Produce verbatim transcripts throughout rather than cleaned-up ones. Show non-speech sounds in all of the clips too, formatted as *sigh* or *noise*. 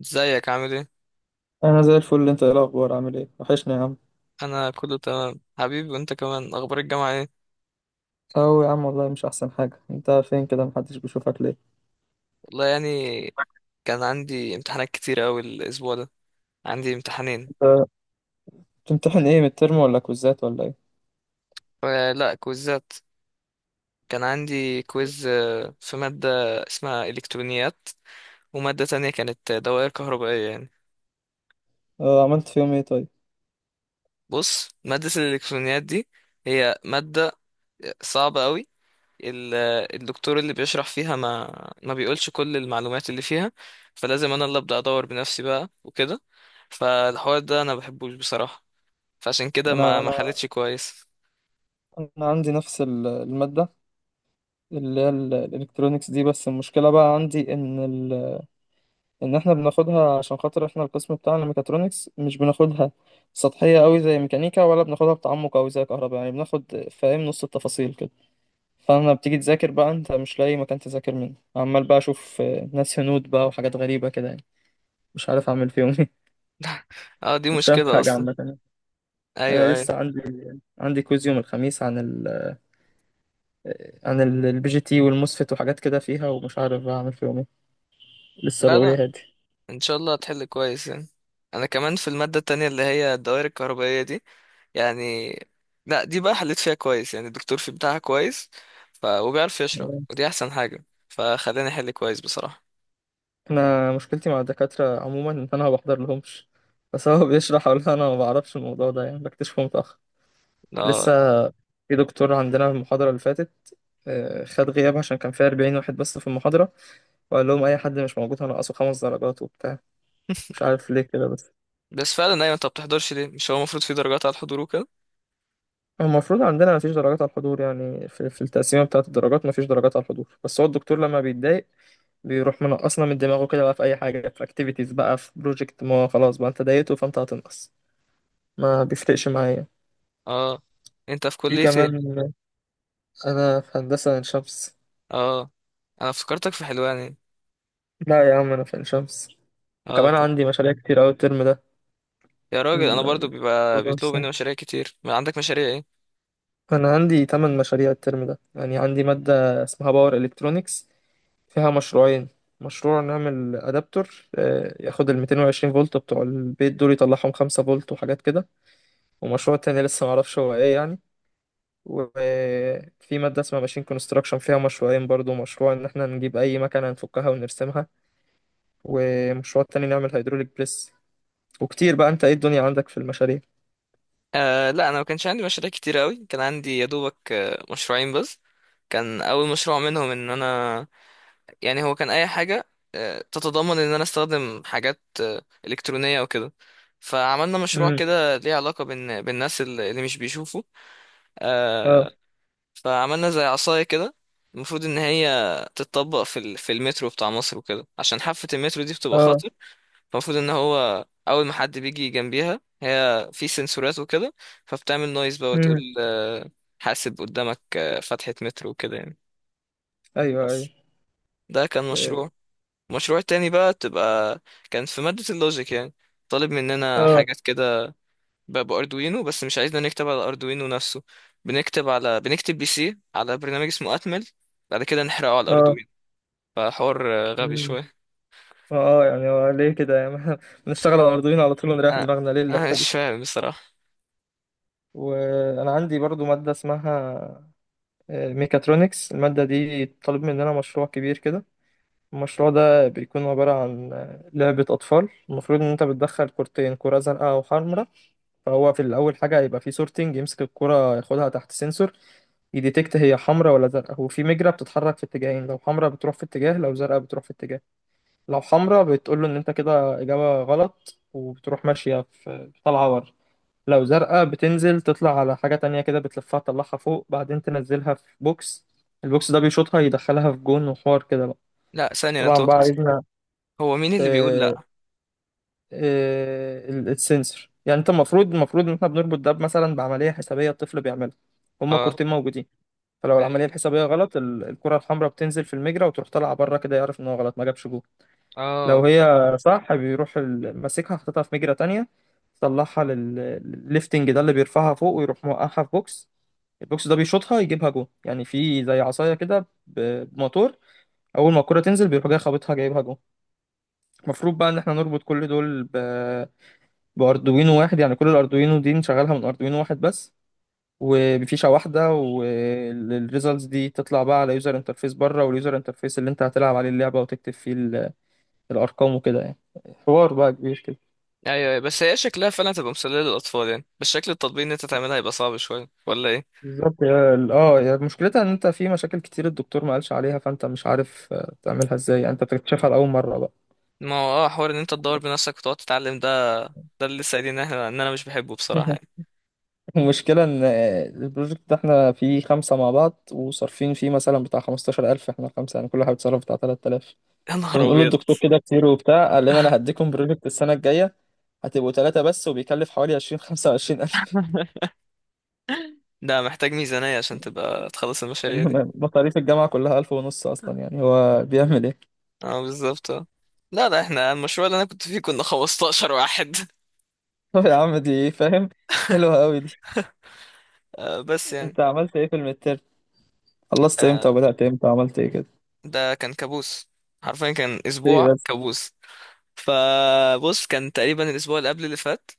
ازيك عامل ايه؟ انا زي الفل، انت ايه الاخبار؟ عامل ايه؟ وحشني يا عم. انا كله تمام حبيبي، وانت كمان اخبار الجامعه ايه؟ او يا عم، والله مش احسن حاجه. انت فين كده؟ محدش بيشوفك ليه؟ والله يعني، كان عندي امتحانات كتير اوي الاسبوع ده. عندي امتحانين. انت بتمتحن ايه؟ من الترم ولا كوزات ولا ايه؟ آه، لا كويزات. كان عندي كويز آه، في ماده اسمها الكترونيات، وماده تانية كانت دوائر كهربائيه يعني. آه، عملت فيهم ايه طيب؟ بص، ماده الالكترونيات دي هي ماده صعبه أوي. ال- الدكتور اللي بيشرح فيها ما ما بيقولش كل المعلومات اللي فيها. فلازم انا اللي ابدا ادور بنفسي بقى وكده. فالحوار ده انا بحبوش بصراحة. فعشان كده انا ما ما انا حلتش كويس. انا عندي نفس ال- الماده اللي هي ال- الالكترونيكس دي، بس المشكله بقى عندي ان ال... ان احنا بناخدها عشان خاطر احنا القسم بتاعنا ميكاترونكس. مش بناخدها سطحيه قوي زي ميكانيكا، ولا بناخدها بتعمق قوي زي كهرباء، يعني بناخد، فاهم، نص التفاصيل كده. فانا بتيجي تذاكر بقى، انت مش لاقي مكان تذاكر منه، عمال بقى اشوف آه، ناس هنود بقى وحاجات غريبة كده يعني. مش عارف اعمل فيهم ايه. اه، دي *laughs* مش فاهم مشكلة حاجة اصلا. عامة يعني. ايوه، انا ايوه. لسه عندي، عندي كويز يوم الخميس عن ال آه، عن البي جي تي والموسفيت وحاجات كده فيها، ومش عارف بقى اعمل فيهم ايه. لسه لا، بقول يا لا، هادي. ان شاء الله هتحل كويس يعني. انا كمان في المادة التانية اللي هي الدوائر الكهربائية دي يعني. لا، دي بقى حليت فيها كويس يعني، الدكتور في بتاعها كويس. ف... وبيعرف يشرح، ودي احسن حاجة فخلاني احل كويس بصراحة. انا مشكلتي مع الدكاترة عموما ان انا ما بحضر لهمش، بس هو بيشرح ولا انا ما بعرفش الموضوع ده، يعني بكتشفه متأخر. لسه اه، في دكتور عندنا في المحاضرة اللي فاتت آه، خد غياب، عشان كان فيها أربعين واحد بس في المحاضرة، وقال لهم اي حد مش موجود هنقصه خمس درجات وبتاع. مش عارف ليه كده، بس بس فعلا، ايوه انت ما بتحضرش ليه؟ مش هو المفروض في درجات على الحضور وكده. هو المفروض عندنا مفيش درجات على الحضور، يعني في, في التقسيمه بتاعه الدرجات مفيش درجات على الحضور، بس هو الدكتور لما بيتضايق بيروح منقصنا من دماغه كده بقى، في اي حاجه، في اكتيفيتيز بقى، في بروجكت، ما هو خلاص بقى انت ضايقته فانت هتنقص. ما بيفرقش معايا. اه. انت في في كلية كمان، ايه؟ انا في هندسه عين شمس. اه، انا افتكرتك في حلوان. لا يا عم انا في عين شمس. اه، وكمان طب. عندي مشاريع كتير أوي الترم ده. يا راجل، انا ال- برضو ال- بيبقى الموضوع بيطلبوا الصعب. مني مشاريع كتير، ما عندك مشاريع ايه؟ أنا عندي تمن مشاريع الترم ده، يعني عندي مادة اسمها باور إلكترونيكس فيها مشروعين. مشروع نعمل أدابتور آه، ياخد ال مئتين وعشرين فولت بتوع البيت دول، يطلعهم خمسة فولت وحاجات كده. ومشروع تاني لسه معرفش هو ايه يعني. وفي مادة اسمها ماشين كونستراكشن فيها مشروعين برضو، مشروع ان احنا نجيب اي مكنة نفكها ونرسمها، ومشروع تاني نعمل هيدروليك بريس. وكتير بقى. انت ايه الدنيا عندك في المشاريع؟ آه، لا، انا ما كانش عندي مشاريع كتير قوي. كان عندي يا دوبك آه، مشروعين بس. كان اول مشروع منهم ان انا، يعني هو كان اي حاجه آه، تتضمن ان انا استخدم حاجات آه، الكترونيه وكده. فعملنا مشروع امم كده ليه علاقه بان بالناس اللي اللي مش بيشوفوا. اه. آه، فعملنا زي عصاية كده، المفروض ان هي تتطبق في ال- في المترو بتاع مصر وكده عشان حافة المترو دي بتبقى اه. خطر. فالمفروض ان هو اول ما حد بيجي جنبيها، هي في سنسورات وكده، فبتعمل نويز بقى وتقول امم آه، حاسب قدامك آه، فتحة مترو وكده يعني. ايوه ايوه. بس ده كان مشروع. المشروع التاني بقى تبقى كان في مادة اللوجيك، يعني طالب مننا اه. حاجات كده. ب- باردوينو، بس مش عايزنا نكتب على اردوينو نفسه. بنكتب على بنكتب بي سي على برنامج اسمه اتمل، بعد كده نحرقه على اه. الاردوينو. فحوار آه، غبي امم شويه. اه يعني هو ليه كده يعني؟ *laughs* بنشتغل على الأردوين على طول ونريح انا دماغنا، ليه انا اللفة؟ مش فاهم بصراحه. وانا عندي برضو ماده اسمها آه، ميكاترونكس. الماده دي طالب مننا مشروع كبير كده. المشروع ده بيكون عباره عن آه، لعبه اطفال. المفروض ان انت بتدخل كورتين، كره زرقاء وحمراء. فهو في الاول حاجه هيبقى في سورتنج، يمسك الكره، ياخدها تحت سنسور، يديتكت هي حمراء ولا زرقاء. وفي مجرة بتتحرك في اتجاهين، لو حمراء بتروح في اتجاه، لو زرقاء بتروح في اتجاه. لو حمراء بتقول له ان انت كده اجابة غلط، وبتروح ماشية في، طالعة ورا. لو زرقاء بتنزل تطلع على حاجة تانية كده، بتلفها تطلعها فوق، بعدين تنزلها في بوكس. البوكس ده بيشوطها يدخلها في جون، وحوار كده بقى. لا، ثانيه، انا طبعا بقى تهت. عايزنا هو مين اللي بيقول آه، لا؟ آه، ال- السنسور، يعني انت المفروض، المفروض ان احنا بنربط ده مثلا بعملية حسابية الطفل بيعملها. هما اه. كورتين موجودين. فلو العملية ايوه. الحسابية غلط ال- الكرة الحمراء بتنزل في المجرى وتروح طالعة بره كده، يعرف ان هو غلط ما جابش جول. لو اه، هي صح بيروح ال- ماسكها، حاططها في مجرى تانية، طلعها للليفتنج ده اللي بيرفعها فوق، ويروح موقعها في بوكس. البوكس ده بيشوطها يجيبها جون، يعني في زي عصايه كده ب- بموتور، اول ما الكره تنزل بيروح جاي خابطها جايبها جون. المفروض بقى ان احنا نربط كل دول ب... باردوينو واحد، يعني كل الاردوينو دي نشغلها من اردوينو واحد بس، وبفيشه واحده، والريزلتس دي تطلع بقى على يوزر انترفيس بره، واليوزر انترفيس اللي انت هتلعب عليه اللعبه وتكتب فيه ال- الارقام وكده يعني. حوار بقى كبير كده. ايوه، أيوة، بس هي شكلها فعلا تبقى مسليه للاطفال يعني، بس شكل التطبيق ان انت تعملها هيبقى صعب شويه ولا ايه؟ بالظبط، يا- اه، يا مشكلتها ان انت في مشاكل كتير الدكتور ما قالش عليها، فانت مش عارف آه، تعملها ازاي، يعني انت بتكتشفها لاول مره بقى. ما هو اه، حوار ان انت تدور بنفسك وتقعد تتعلم ده، ده اللي لسه قايلين ان إحنا- ان انا مش بحبه بصراحه يعني. *laughs* المشكلة إن البروجكت ده إحنا فيه خمسة مع بعض وصارفين فيه مثلا بتاع خمستاشر ألف، إحنا خمسة يعني كل واحد صرف بتاع تلات آلاف. *laughs* يا نهار فبنقول ابيض. للدكتور كده كتير وبتاع، قال لنا أنا هديكم بروجكت السنة الجاية هتبقوا تلاتة بس، وبيكلف حوالي عشرين، خمسة وعشرين ألف. *laughs* ده محتاج ميزانية عشان تبقى تخلص *laughs* المشاريع دي. إنما مصاريف الجامعة كلها ألف ونص أصلا، يعني هو بيعمل إيه؟ اه، بالظبط، اه. لا، لا، احنا المشروع اللي انا كنت فيه كنا خمسة عشر واحد. *laughs* *laughs* طب يا عم، دي إيه فاهم؟ حلوة أوي دي. آه بس يعني. أنت عملت إيه في المتر؟ خلصت إمتى آه وبدأت إمتى وعملت إيه كده؟ ده كان كابوس، حرفيا كان إيه اسبوع بس؟ كابوس. فبص، كان تقريبا الاسبوع اللي قبل اللي فات.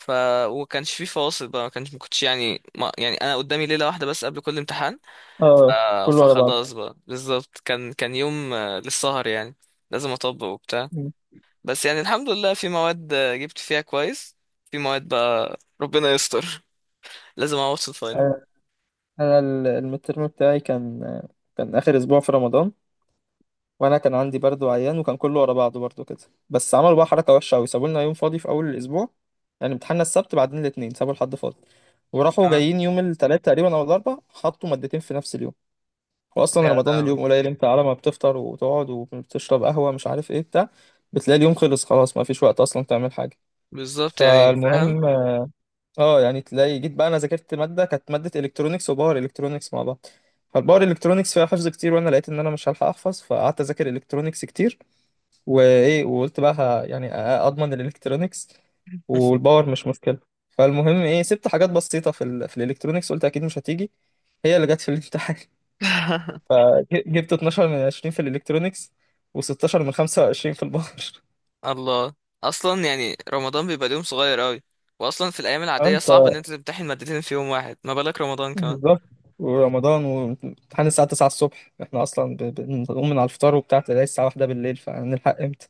ف وكانش فيه فواصل بقى. ما كانش ما كنتش، يعني ما يعني انا قدامي ليله واحده بس قبل كل امتحان. آه آه كله على بعض. فخلاص بقى، بالظبط كان كان يوم آه، للسهر يعني. لازم اطبق وبتاع. بس يعني الحمد لله، في مواد جبت فيها كويس، في مواد بقى ربنا يستر. *laughs* لازم اعوض في الفاينل. انا ال- المترم بتاعي كان، كان اخر اسبوع في رمضان، وانا كان عندي برد وعيان، وكان كله ورا بعضه برضه كده. بس عملوا بقى حركه وحشه قوي، سابوا لنا يوم فاضي في اول الاسبوع، يعني امتحاننا السبت بعدين الاثنين، سابوا الحد فاضي، وراحوا اه، جايين يوم الثلاث تقريبا او الاربع حطوا مادتين في نفس اليوم. واصلا لا، لا، رمضان هو. اليوم قليل، انت على ما بتفطر وتقعد وبتشرب قهوه مش عارف ايه بتاع، بتلاقي اليوم خلص خلاص، ما فيش وقت اصلا تعمل حاجه. بالظبط يعني، فاهم. فالمهم، اه يعني تلاقي جيت بقى، انا ذاكرت ماده، كانت ماده الكترونكس وباور الكترونكس مع بعض. فالباور الكترونكس فيها حفظ كتير، وانا لقيت ان انا مش هلحق احفظ، فقعدت اذاكر الكترونكس كتير. وايه، وقلت بقى ه- يعني أ- اضمن الالكترونكس، والباور مش مشكله. فالمهم ايه، سبت حاجات بسيطه في ال في الالكترونكس، قلت اكيد مش هتيجي، هي اللي جت في الامتحان. *laughs* *laughs* ج- جبت اتناشر من عشرين في الالكترونكس، و16 من خمسة وعشرين في الباور. الله. اصلا يعني رمضان بيبقى اليوم صغير قوي، واصلا في الايام العاديه صعب *laughs* ان انت تمتحن مادتين في يوم واحد، ما بالك رمضان كمان. بالظبط. ورمضان وامتحان الساعة تسعة الصبح، احنا أصلا ب- بنقوم من على الفطار وبتاع، تلاقي الساعة واحدة بالليل، فهنلحق امتى؟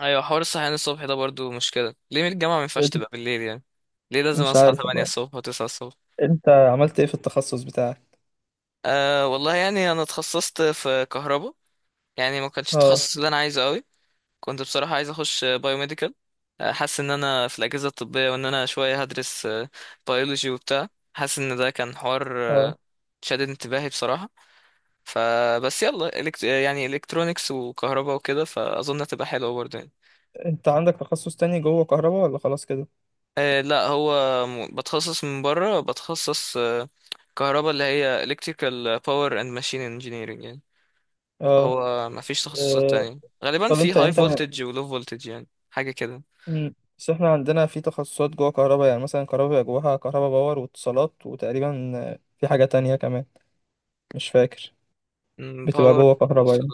ايوه، حوار الصحيان الصبح ده برضو مشكله. ليه من الجامعه ما ينفعش تبقى بالليل يعني؟ ليه لازم مش اصحى عارف تمانية والله. الصبح وتسعة الصبح؟ انت عملت ايه في التخصص بتاعك؟ آه والله يعني انا اتخصصت في كهرباء. يعني ما كانش اه. التخصص اللي انا عايزه قوي. كنت بصراحة عايز أخش بايوميديكال. حاسس إن أنا في الأجهزة الطبية، وإن أنا شوية هدرس بيولوجي وبتاع. حاسس إن ده كان حوار اه. آه، شادد انتباهي بصراحة. فبس يلا، إلكت... يعني إلكترونيكس وكهرباء وكده، فأظن هتبقى حلوة برضه يعني. انت عندك تخصص تاني جوه كهرباء ولا خلاص كده؟ آه، لا، هو م- بتخصص من بره، بتخصص آه، كهرباء اللي هي Electrical Power and Machine Engineering يعني. اه. هو مفيش تخصصات آه، تانية غالبا، طب في انت High انت Voltage و Low Voltage، يعني حاجة كده. مم، بس احنا عندنا في تخصصات جوه كهرباء، يعني مثلا كهرباء بيبقى جواها كهرباء باور واتصالات، وتقريبا آه، في حاجة تانية كمان مش فاكر. م، بتبقى Power. جوه كهرباء يعني.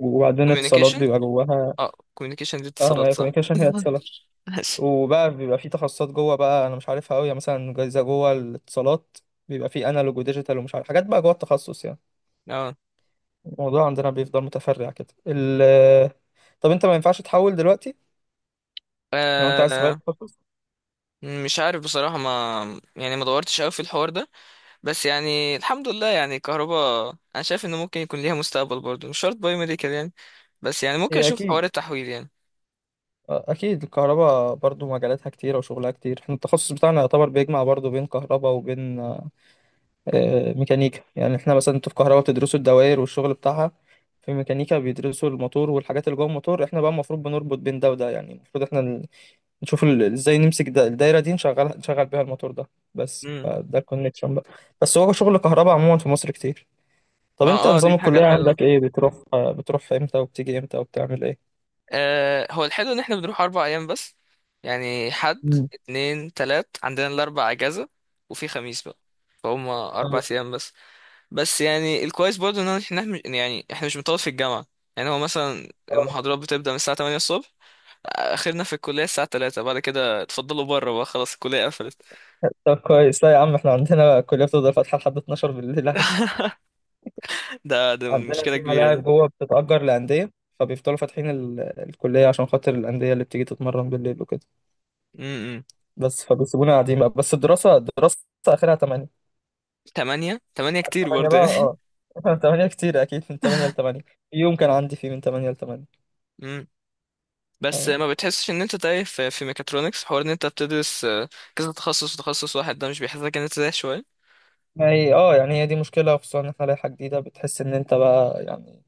وبعدين اتصالات كوميونيكيشن. بيبقى جواها. اه، كوميونيكيشن دي اه، ما اتصالات هي صح. كوميونيكيشن هي *laughs* اتصالات. ماشي. وبقى بيبقى في تخصصات جوه بقى انا مش عارفها قوي، يعني مثلا جايزه جوه الاتصالات بيبقى في انالوج وديجيتال، ومش عارف حاجات بقى جوه التخصص يعني. اه، الموضوع عندنا بيفضل متفرع كده ال طب انت ما ينفعش تحول دلوقتي لو انت عايز تغير آه، التخصص؟ مش عارف بصراحة، ما يعني ما دورتش قوي في الحوار ده. بس يعني الحمد لله يعني، كهرباء انا شايف انه ممكن يكون ليها مستقبل برضه، مش شرط باي ميديكال يعني. بس يعني ممكن هي اشوف اكيد، حوار التحويل يعني. اكيد الكهرباء برضو مجالاتها كتيره وشغلها كتير. احنا التخصص بتاعنا يعتبر بيجمع برضو بين كهرباء وبين آه، ميكانيكا، يعني احنا مثلا انتوا في كهرباء بتدرسوا الدوائر والشغل بتاعها، في ميكانيكا بيدرسوا الموتور والحاجات اللي جوه الموتور، احنا بقى المفروض بنربط بين ده وده، يعني المفروض احنا نشوف ال- ازاي نمسك ده الدايره دي، نشغل نشغل بيها الموتور ده بس، امم. فده الكونكشن بقى. بس هو شغل كهرباء عموما في مصر كتير. طب ما انت اه، دي نظام الحاجة الكليه الحلوة. عندك ايه؟ بتروح بتروح امتى وبتيجي امتى وبتعمل ايه؟ آه هو الحلو ان احنا بنروح اربع ايام بس. يعني حد مم. اتنين تلات، عندنا الاربع اجازة، وفي خميس بقى، فهم اربع اه. ايام بس. بس يعني الكويس برضه، ان احنا إحنا مش- يعني احنا مش بنطول في الجامعه. يعني هو مثلا اه. المحاضرات بتبدا من الساعه تمانية الصبح، اخرنا في الكليه الساعه تلاتة، بعد كده اتفضلوا بره بقى، خلاص الكليه قفلت. طب كويس. لا يا عم، احنا عندنا الكليه بتفضل فاتحه لحد اتناشر بالليل عادي. *laughs* ده، ده عندنا مشكله في كبيره ملاعب دي. جوه بتتأجر لأندية، فبيفضلوا فاتحين ال- الكلية عشان خاطر الأندية اللي بتيجي تتمرن بالليل وكده، امم. بس فبيسيبونا قاعدين بقى. بس الدراسة الدراسة آخرها تمانية. تمانية، تمانية من كتير تمانية برضه بقى يعني. اه. *laughs* *laughs* من تمانية كتير، اكيد من تمانية ل تمانية. يوم كان عندي فيه من تمانية ل تمانية. امم. بس اه، ما بتحسش ان انت تايه، في في ميكاترونكس، حوار ان انت بتدرس آه، كذا تخصص، وتخصص واحد ده مش بيحسسك ان انت تايه شويه؟ ما هي اه، يعني هي دي مشكلة، خصوصا ان احنا لائحة جديدة، بتحس ان انت بقى يعني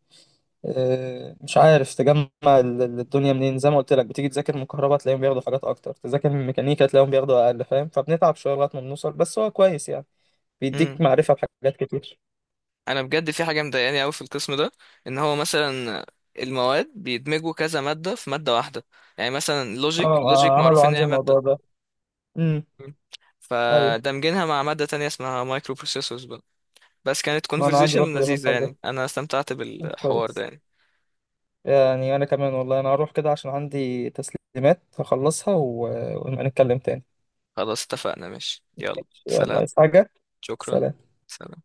آه، مش عارف تجمع ال- ال- الدنيا منين. زي ما قلت لك، بتيجي تذاكر من كهرباء تلاقيهم بياخدوا حاجات اكتر، تذاكر من ميكانيكا تلاقيهم بياخدوا اقل، فاهم؟ فبنتعب شوية لغاية ما بنوصل، بس هو كويس يعني، بيديك معرفة بحاجات كتير. انا بجد في حاجه مضايقاني قوي في القسم ده، ان هو مثلا المواد بيدمجوا كذا ماده في ماده واحده. يعني مثلا اه، لوجيك لوجيك آه، معروف عملوا ان عندي هي ماده. الموضوع ده. امم. مم. ايوه، فدمجينها مع ماده تانية اسمها مايكرو بروسيسورز بقى. بس كانت ما انا عندي كونفرزيشن برضه بيعملوا لذيذه الحوار ده. يعني، انا استمتعت بالحوار ده كويس. يعني. يعني أنا كمان، والله أنا هروح كده عشان عندي تسليمات هخلصها، و- ونبقى نتكلم تاني. خلاص، اتفقنا، ماشي، يلا ماشي، يلا سلام. عايز حاجة؟ شكرا. سلام. سلام.